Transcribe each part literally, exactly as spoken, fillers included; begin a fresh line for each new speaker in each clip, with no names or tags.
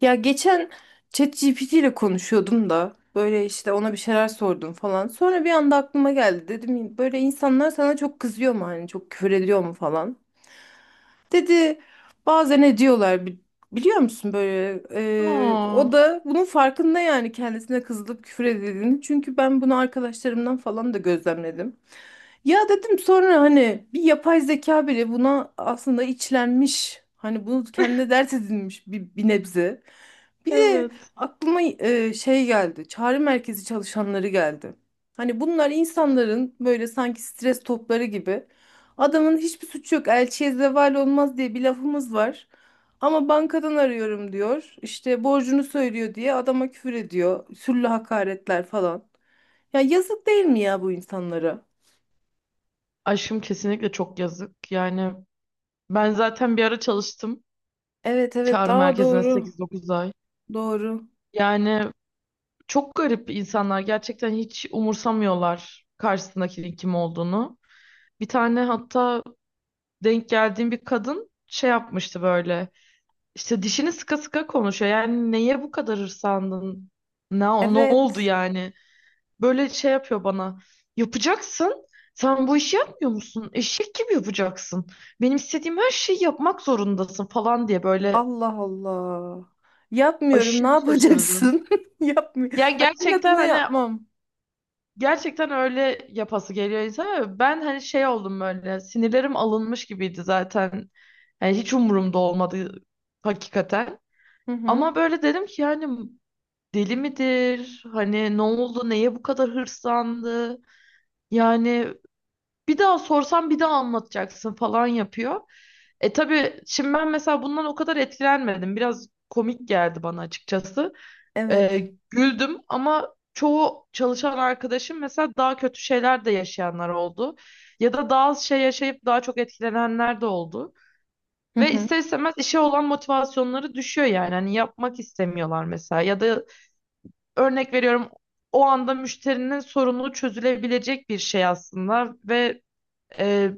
Ya geçen ChatGPT ile konuşuyordum da böyle işte ona bir şeyler sordum falan. Sonra bir anda aklıma geldi. Dedim böyle insanlar sana çok kızıyor mu hani çok küfür ediyor mu falan. Dedi bazen ediyorlar bi- biliyor musun böyle e,
Aa,
o da bunun farkında yani kendisine kızılıp küfür edildiğini. Çünkü ben bunu arkadaşlarımdan falan da gözlemledim. Ya dedim sonra hani bir yapay zeka bile buna aslında içlenmiş. Hani bunu kendine dert edinmiş bir, bir nebze. Bir de
evet.
aklıma e, şey geldi. Çağrı merkezi çalışanları geldi. Hani bunlar insanların böyle sanki stres topları gibi. Adamın hiçbir suçu yok. Elçiye zeval olmaz diye bir lafımız var. Ama bankadan arıyorum diyor. İşte borcunu söylüyor diye adama küfür ediyor. Sürlü hakaretler falan. Ya yazık değil mi ya bu insanlara?
Aşkım kesinlikle çok yazık. Yani ben zaten bir ara çalıştım
Evet evet,
çağrı
daha
merkezine
doğru.
sekiz dokuz ay.
Doğru.
Yani çok garip insanlar gerçekten hiç umursamıyorlar karşısındakinin kim olduğunu. Bir tane hatta denk geldiğim bir kadın şey yapmıştı böyle. İşte dişini sıka sıka konuşuyor. Yani neye bu kadar hırsandın? Ne, ne oldu
Evet.
yani? Böyle şey yapıyor bana. Yapacaksın. Sen bu işi yapmıyor musun? Eşek gibi yapacaksın. Benim istediğim her şeyi yapmak zorundasın falan diye böyle
Allah Allah. Yapmıyorum. Ne
aşırı şaşırdım.
yapacaksın? Yapmıyorum.
Yani
Annemin
gerçekten
adına
hani
yapmam.
gerçekten öyle yapası geliyor insana. Ben hani şey oldum böyle sinirlerim alınmış gibiydi zaten. Yani hiç umurumda olmadı hakikaten.
Hı hı.
Ama böyle dedim ki yani deli midir? Hani ne oldu? Neye bu kadar hırslandı? Yani bir daha sorsam bir daha anlatacaksın falan yapıyor. E tabii şimdi ben mesela bundan o kadar etkilenmedim. Biraz komik geldi bana açıkçası. E,
Evet.
güldüm ama çoğu çalışan arkadaşım mesela daha kötü şeyler de yaşayanlar oldu. Ya da daha az şey yaşayıp daha çok etkilenenler de oldu.
Hı
Ve
hı.
ister istemez işe olan motivasyonları düşüyor yani. Hani yapmak istemiyorlar mesela. Ya da örnek veriyorum o anda müşterinin sorunu çözülebilecek bir şey aslında ve e,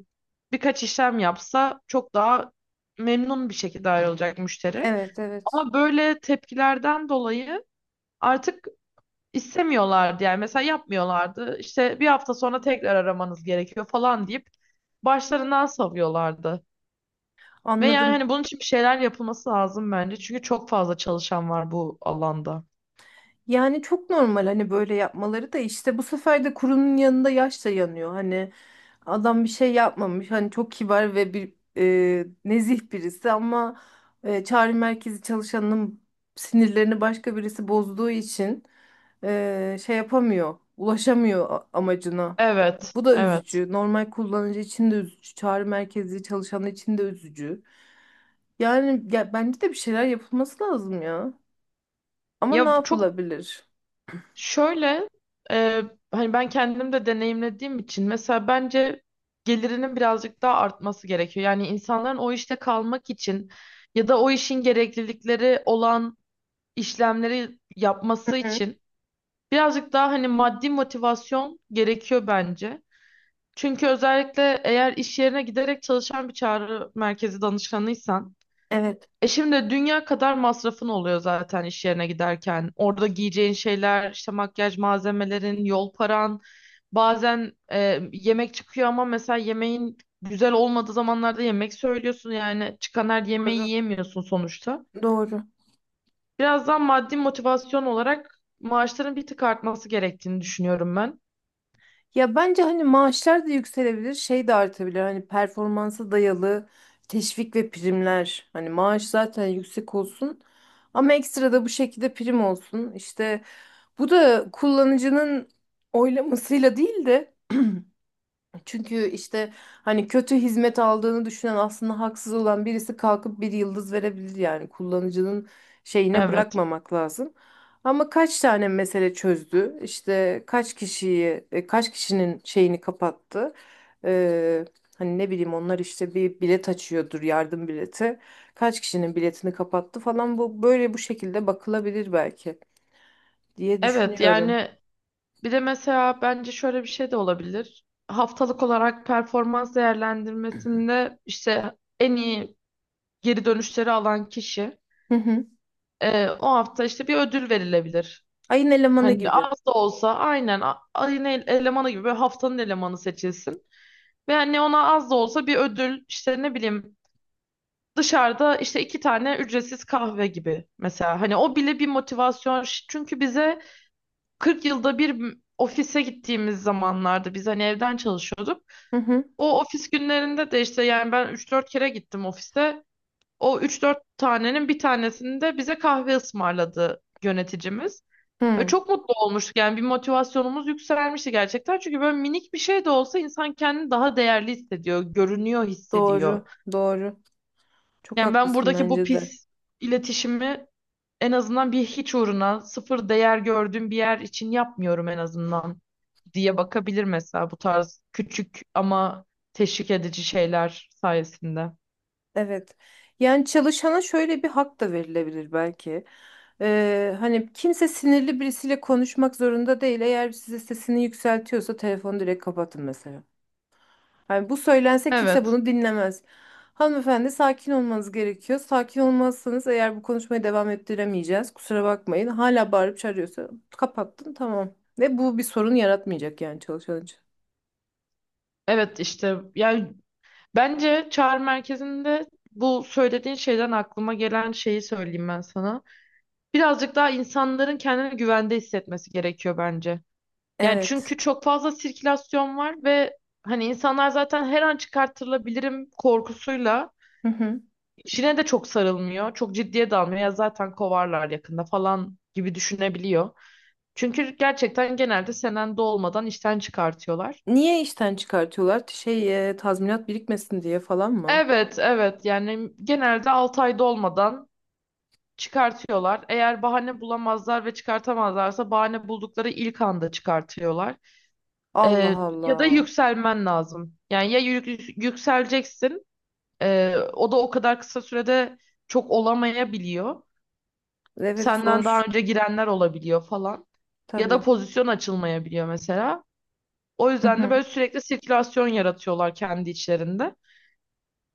birkaç işlem yapsa çok daha memnun bir şekilde ayrılacak müşteri.
Evet evet.
Ama böyle tepkilerden dolayı artık istemiyorlardı yani mesela yapmıyorlardı. İşte bir hafta sonra tekrar aramanız gerekiyor falan deyip başlarından savuyorlardı. Ve yani
Anladım.
hani bunun için bir şeyler yapılması lazım bence. Çünkü çok fazla çalışan var bu alanda.
Yani çok normal hani böyle yapmaları da işte bu sefer de kurunun yanında yaş da yanıyor. Hani adam bir şey yapmamış. Hani çok kibar ve bir e, nezih birisi ama e, çağrı merkezi çalışanının sinirlerini başka birisi bozduğu için e, şey yapamıyor, ulaşamıyor a- amacına.
Evet,
Bu da
evet.
üzücü. Normal kullanıcı için de üzücü. Çağrı merkezi çalışanı için de üzücü. Yani ya, bence de bir şeyler yapılması lazım ya. Ama ne
Ya çok
yapılabilir?
Şöyle, e, hani ben kendim de deneyimlediğim için mesela bence gelirinin birazcık daha artması gerekiyor. Yani insanların o işte kalmak için ya da o işin gereklilikleri olan işlemleri
Hı
yapması
hı.
için birazcık daha hani maddi motivasyon gerekiyor bence. Çünkü özellikle eğer iş yerine giderek çalışan bir çağrı merkezi danışanıysan,
Evet,
e şimdi dünya kadar masrafın oluyor zaten iş yerine giderken. Orada giyeceğin şeyler, işte makyaj malzemelerin, yol paran. Bazen e, yemek çıkıyor ama mesela yemeğin güzel olmadığı zamanlarda yemek söylüyorsun. Yani çıkan her yemeği
doğru.
yiyemiyorsun sonuçta.
Doğru.
Birazdan maddi motivasyon olarak maaşların bir tık artması gerektiğini düşünüyorum ben.
Ya bence hani maaşlar da yükselebilir, şey de artabilir. Hani performansa dayalı teşvik ve primler. Hani maaş zaten yüksek olsun ama ekstra da bu şekilde prim olsun. İşte bu da kullanıcının oylamasıyla değil de, çünkü işte hani kötü hizmet aldığını düşünen aslında haksız olan birisi kalkıp bir yıldız verebilir yani kullanıcının şeyine
Evet.
bırakmamak lazım. Ama kaç tane mesele çözdü? İşte kaç kişiyi, e, kaç kişinin şeyini kapattı? Ee, hani ne bileyim onlar işte bir bilet açıyordur, yardım bileti. Kaç kişinin biletini kapattı falan, bu böyle bu şekilde bakılabilir belki diye
Evet
düşünüyorum.
yani bir de mesela bence şöyle bir şey de olabilir. Haftalık olarak performans değerlendirmesinde işte en iyi geri dönüşleri alan kişi
Hı hı.
e, o hafta işte bir ödül verilebilir.
Ayın elemanı
Hani
gibi.
az da olsa aynen a- ayın el- elemanı gibi böyle haftanın elemanı seçilsin. Ve hani ona az da olsa bir ödül işte ne bileyim dışarıda işte iki tane ücretsiz kahve gibi mesela. Hani o bile bir motivasyon. Ş- Çünkü bize kırk yılda bir m- ofise gittiğimiz zamanlarda biz hani evden çalışıyorduk.
Hı hı.
O ofis günlerinde de işte yani ben üç dört kere gittim ofise. O üç dört tanenin bir tanesini de bize kahve ısmarladı yöneticimiz. E,
Hı.
çok mutlu olmuştuk yani bir motivasyonumuz yükselmişti gerçekten. Çünkü böyle minik bir şey de olsa insan kendini daha değerli hissediyor, görünüyor hissediyor.
Doğru, doğru. Çok
Yani ben
haklısın
buradaki bu
bence de.
pis iletişimi en azından bir hiç uğruna sıfır değer gördüğüm bir yer için yapmıyorum en azından diye bakabilir mesela bu tarz küçük ama teşvik edici şeyler sayesinde.
Evet. Yani çalışana şöyle bir hak da verilebilir belki. Ee, hani kimse sinirli birisiyle konuşmak zorunda değil. Eğer size sesini yükseltiyorsa telefonu direkt kapatın mesela. Hani bu söylense kimse
Evet,
bunu dinlemez. Hanımefendi sakin olmanız gerekiyor. Sakin olmazsanız eğer bu konuşmayı devam ettiremeyeceğiz. Kusura bakmayın. Hala bağırıp çağırıyorsa kapattın tamam. Ve bu bir sorun yaratmayacak yani çalışan için.
evet, işte yani bence çağrı merkezinde bu söylediğin şeyden aklıma gelen şeyi söyleyeyim ben sana. Birazcık daha insanların kendini güvende hissetmesi gerekiyor bence. Yani
Evet.
çünkü çok fazla sirkülasyon var ve hani insanlar zaten her an çıkartılabilirim korkusuyla
Hı hı.
işine de çok sarılmıyor. Çok ciddiye de almıyor. Ya zaten kovarlar yakında falan gibi düşünebiliyor. Çünkü gerçekten genelde senende olmadan işten çıkartıyorlar.
Niye işten çıkartıyorlar? Şey, e, tazminat birikmesin diye falan mı?
Evet, evet. Yani genelde altı ayda olmadan çıkartıyorlar. Eğer bahane bulamazlar ve çıkartamazlarsa bahane buldukları ilk anda çıkartıyorlar.
Allah
Ee, Ya da
Allah.
yükselmen lazım. Yani ya yük- yükseleceksin, ee, o da o kadar kısa sürede çok olamayabiliyor.
Evet
Senden daha
zor.
önce girenler olabiliyor falan. Ya da
Tabii.
pozisyon açılmayabiliyor mesela. O
Hı
yüzden de
hı.
böyle sürekli sirkülasyon yaratıyorlar kendi içlerinde.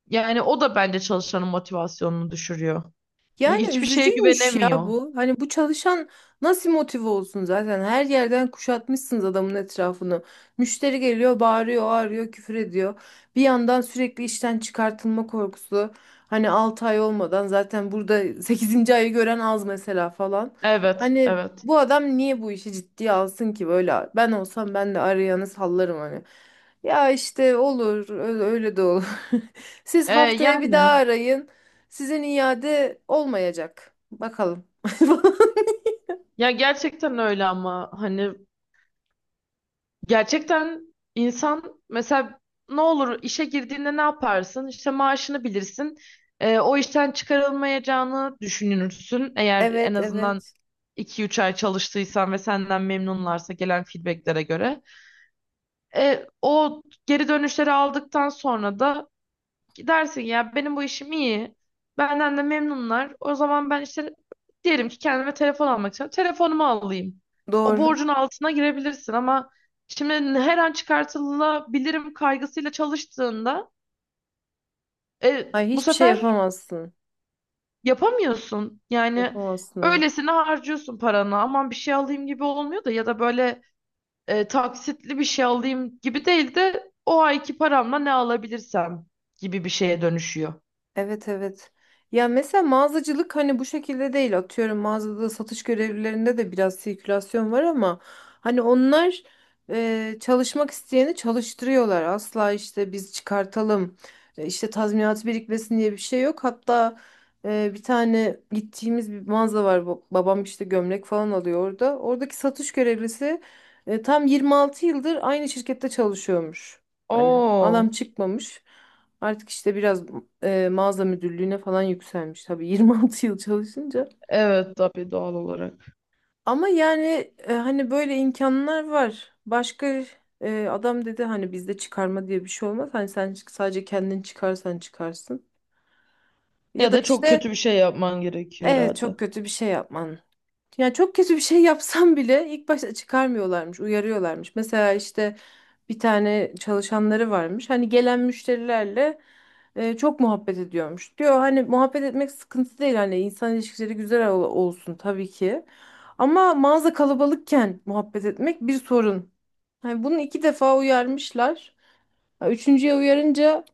Yani o da bence çalışanın motivasyonunu düşürüyor.
Yani
Hiçbir şeye
üzücüymüş ya
güvenemiyor.
bu. Hani bu çalışan nasıl motive olsun zaten? Her yerden kuşatmışsınız adamın etrafını. Müşteri geliyor, bağırıyor, ağrıyor, küfür ediyor. Bir yandan sürekli işten çıkartılma korkusu. Hani altı ay olmadan zaten burada sekizinci ayı gören az mesela falan.
Evet,
Hani
evet.
bu adam niye bu işi ciddiye alsın ki böyle? Ben olsam ben de arayanı sallarım hani. Ya işte olur, öyle öyle de olur. Siz
E,
haftaya bir daha
yani
arayın. Sizin iade olmayacak. Bakalım.
ya gerçekten öyle ama hani gerçekten insan mesela ne olur işe girdiğinde ne yaparsın? İşte maaşını bilirsin. E, o işten çıkarılmayacağını düşünürsün. Eğer en
Evet,
azından
evet.
iki üç ay çalıştıysan ve senden memnunlarsa gelen feedbacklere göre. E, o geri dönüşleri aldıktan sonra da dersin ya benim bu işim iyi. Benden de memnunlar. O zaman ben işte diyelim ki kendime telefon almak istiyorum. Telefonumu alayım. O
Doğru.
borcun altına girebilirsin ama şimdi her an çıkartılabilirim kaygısıyla çalıştığında e,
Ay
bu
hiçbir şey
sefer
yapamazsın.
yapamıyorsun. Yani
Yapamazsın, evet.
öylesine harcıyorsun paranı. Aman bir şey alayım gibi olmuyor da ya da böyle e, taksitli bir şey alayım gibi değil de o ayki paramla ne alabilirsem gibi bir şeye dönüşüyor.
Evet evet. Ya mesela mağazacılık hani bu şekilde değil. Atıyorum mağazada satış görevlilerinde de biraz sirkülasyon var ama hani onlar e, çalışmak isteyeni çalıştırıyorlar. Asla işte biz çıkartalım e, işte tazminat birikmesin diye bir şey yok. Hatta e, bir tane gittiğimiz bir mağaza var. Ba- Babam işte gömlek falan alıyor orada. Oradaki satış görevlisi e, tam yirmi altı yıldır aynı şirkette çalışıyormuş. Hani adam
Oo.
çıkmamış. Artık işte biraz e, mağaza müdürlüğüne falan yükselmiş tabii yirmi altı yıl çalışınca.
Evet tabii doğal olarak.
Ama yani e, hani böyle imkanlar var. Başka e, adam dedi hani bizde çıkarma diye bir şey olmaz. Hani sen sadece kendin çıkarsan çıkarsın. Ya
Ya
da
da çok
işte
kötü bir şey yapman gerekiyor
evet,
herhalde.
çok kötü bir şey yapman. Ya çok kötü bir şey yapsam bile ilk başta çıkarmıyorlarmış, uyarıyorlarmış. Mesela işte bir tane çalışanları varmış. Hani gelen müşterilerle e, çok muhabbet ediyormuş. Diyor hani muhabbet etmek sıkıntı değil hani insan ilişkileri güzel ol- olsun tabii ki. Ama mağaza kalabalıkken muhabbet etmek bir sorun. Hani bunu iki defa uyarmışlar. Ha, üçüncüye uyarınca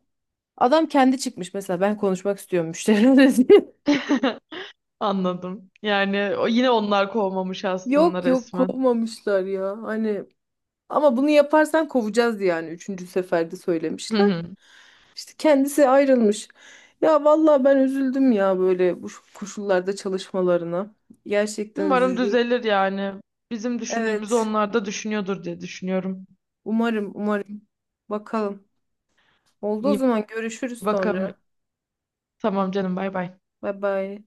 adam kendi çıkmış mesela ben konuşmak istiyorum müşterilerle diye.
Anladım. Yani o- yine onlar kovmamış aslında
Yok yok
resmen.
kovmamışlar ya. Hani ama bunu yaparsan kovacağız diye yani üçüncü seferde
Hı
söylemişler.
hı.
İşte kendisi ayrılmış. Ya vallahi ben üzüldüm ya böyle bu şu koşullarda çalışmalarına. Gerçekten
Umarım
üzücü.
düzelir yani. Bizim düşündüğümüzü
Evet.
onlar da düşünüyordur diye düşünüyorum.
Umarım, umarım. Bakalım. Oldu o
İyi
zaman, görüşürüz
bakalım.
sonra.
Tamam canım bay bay.
Bay bay.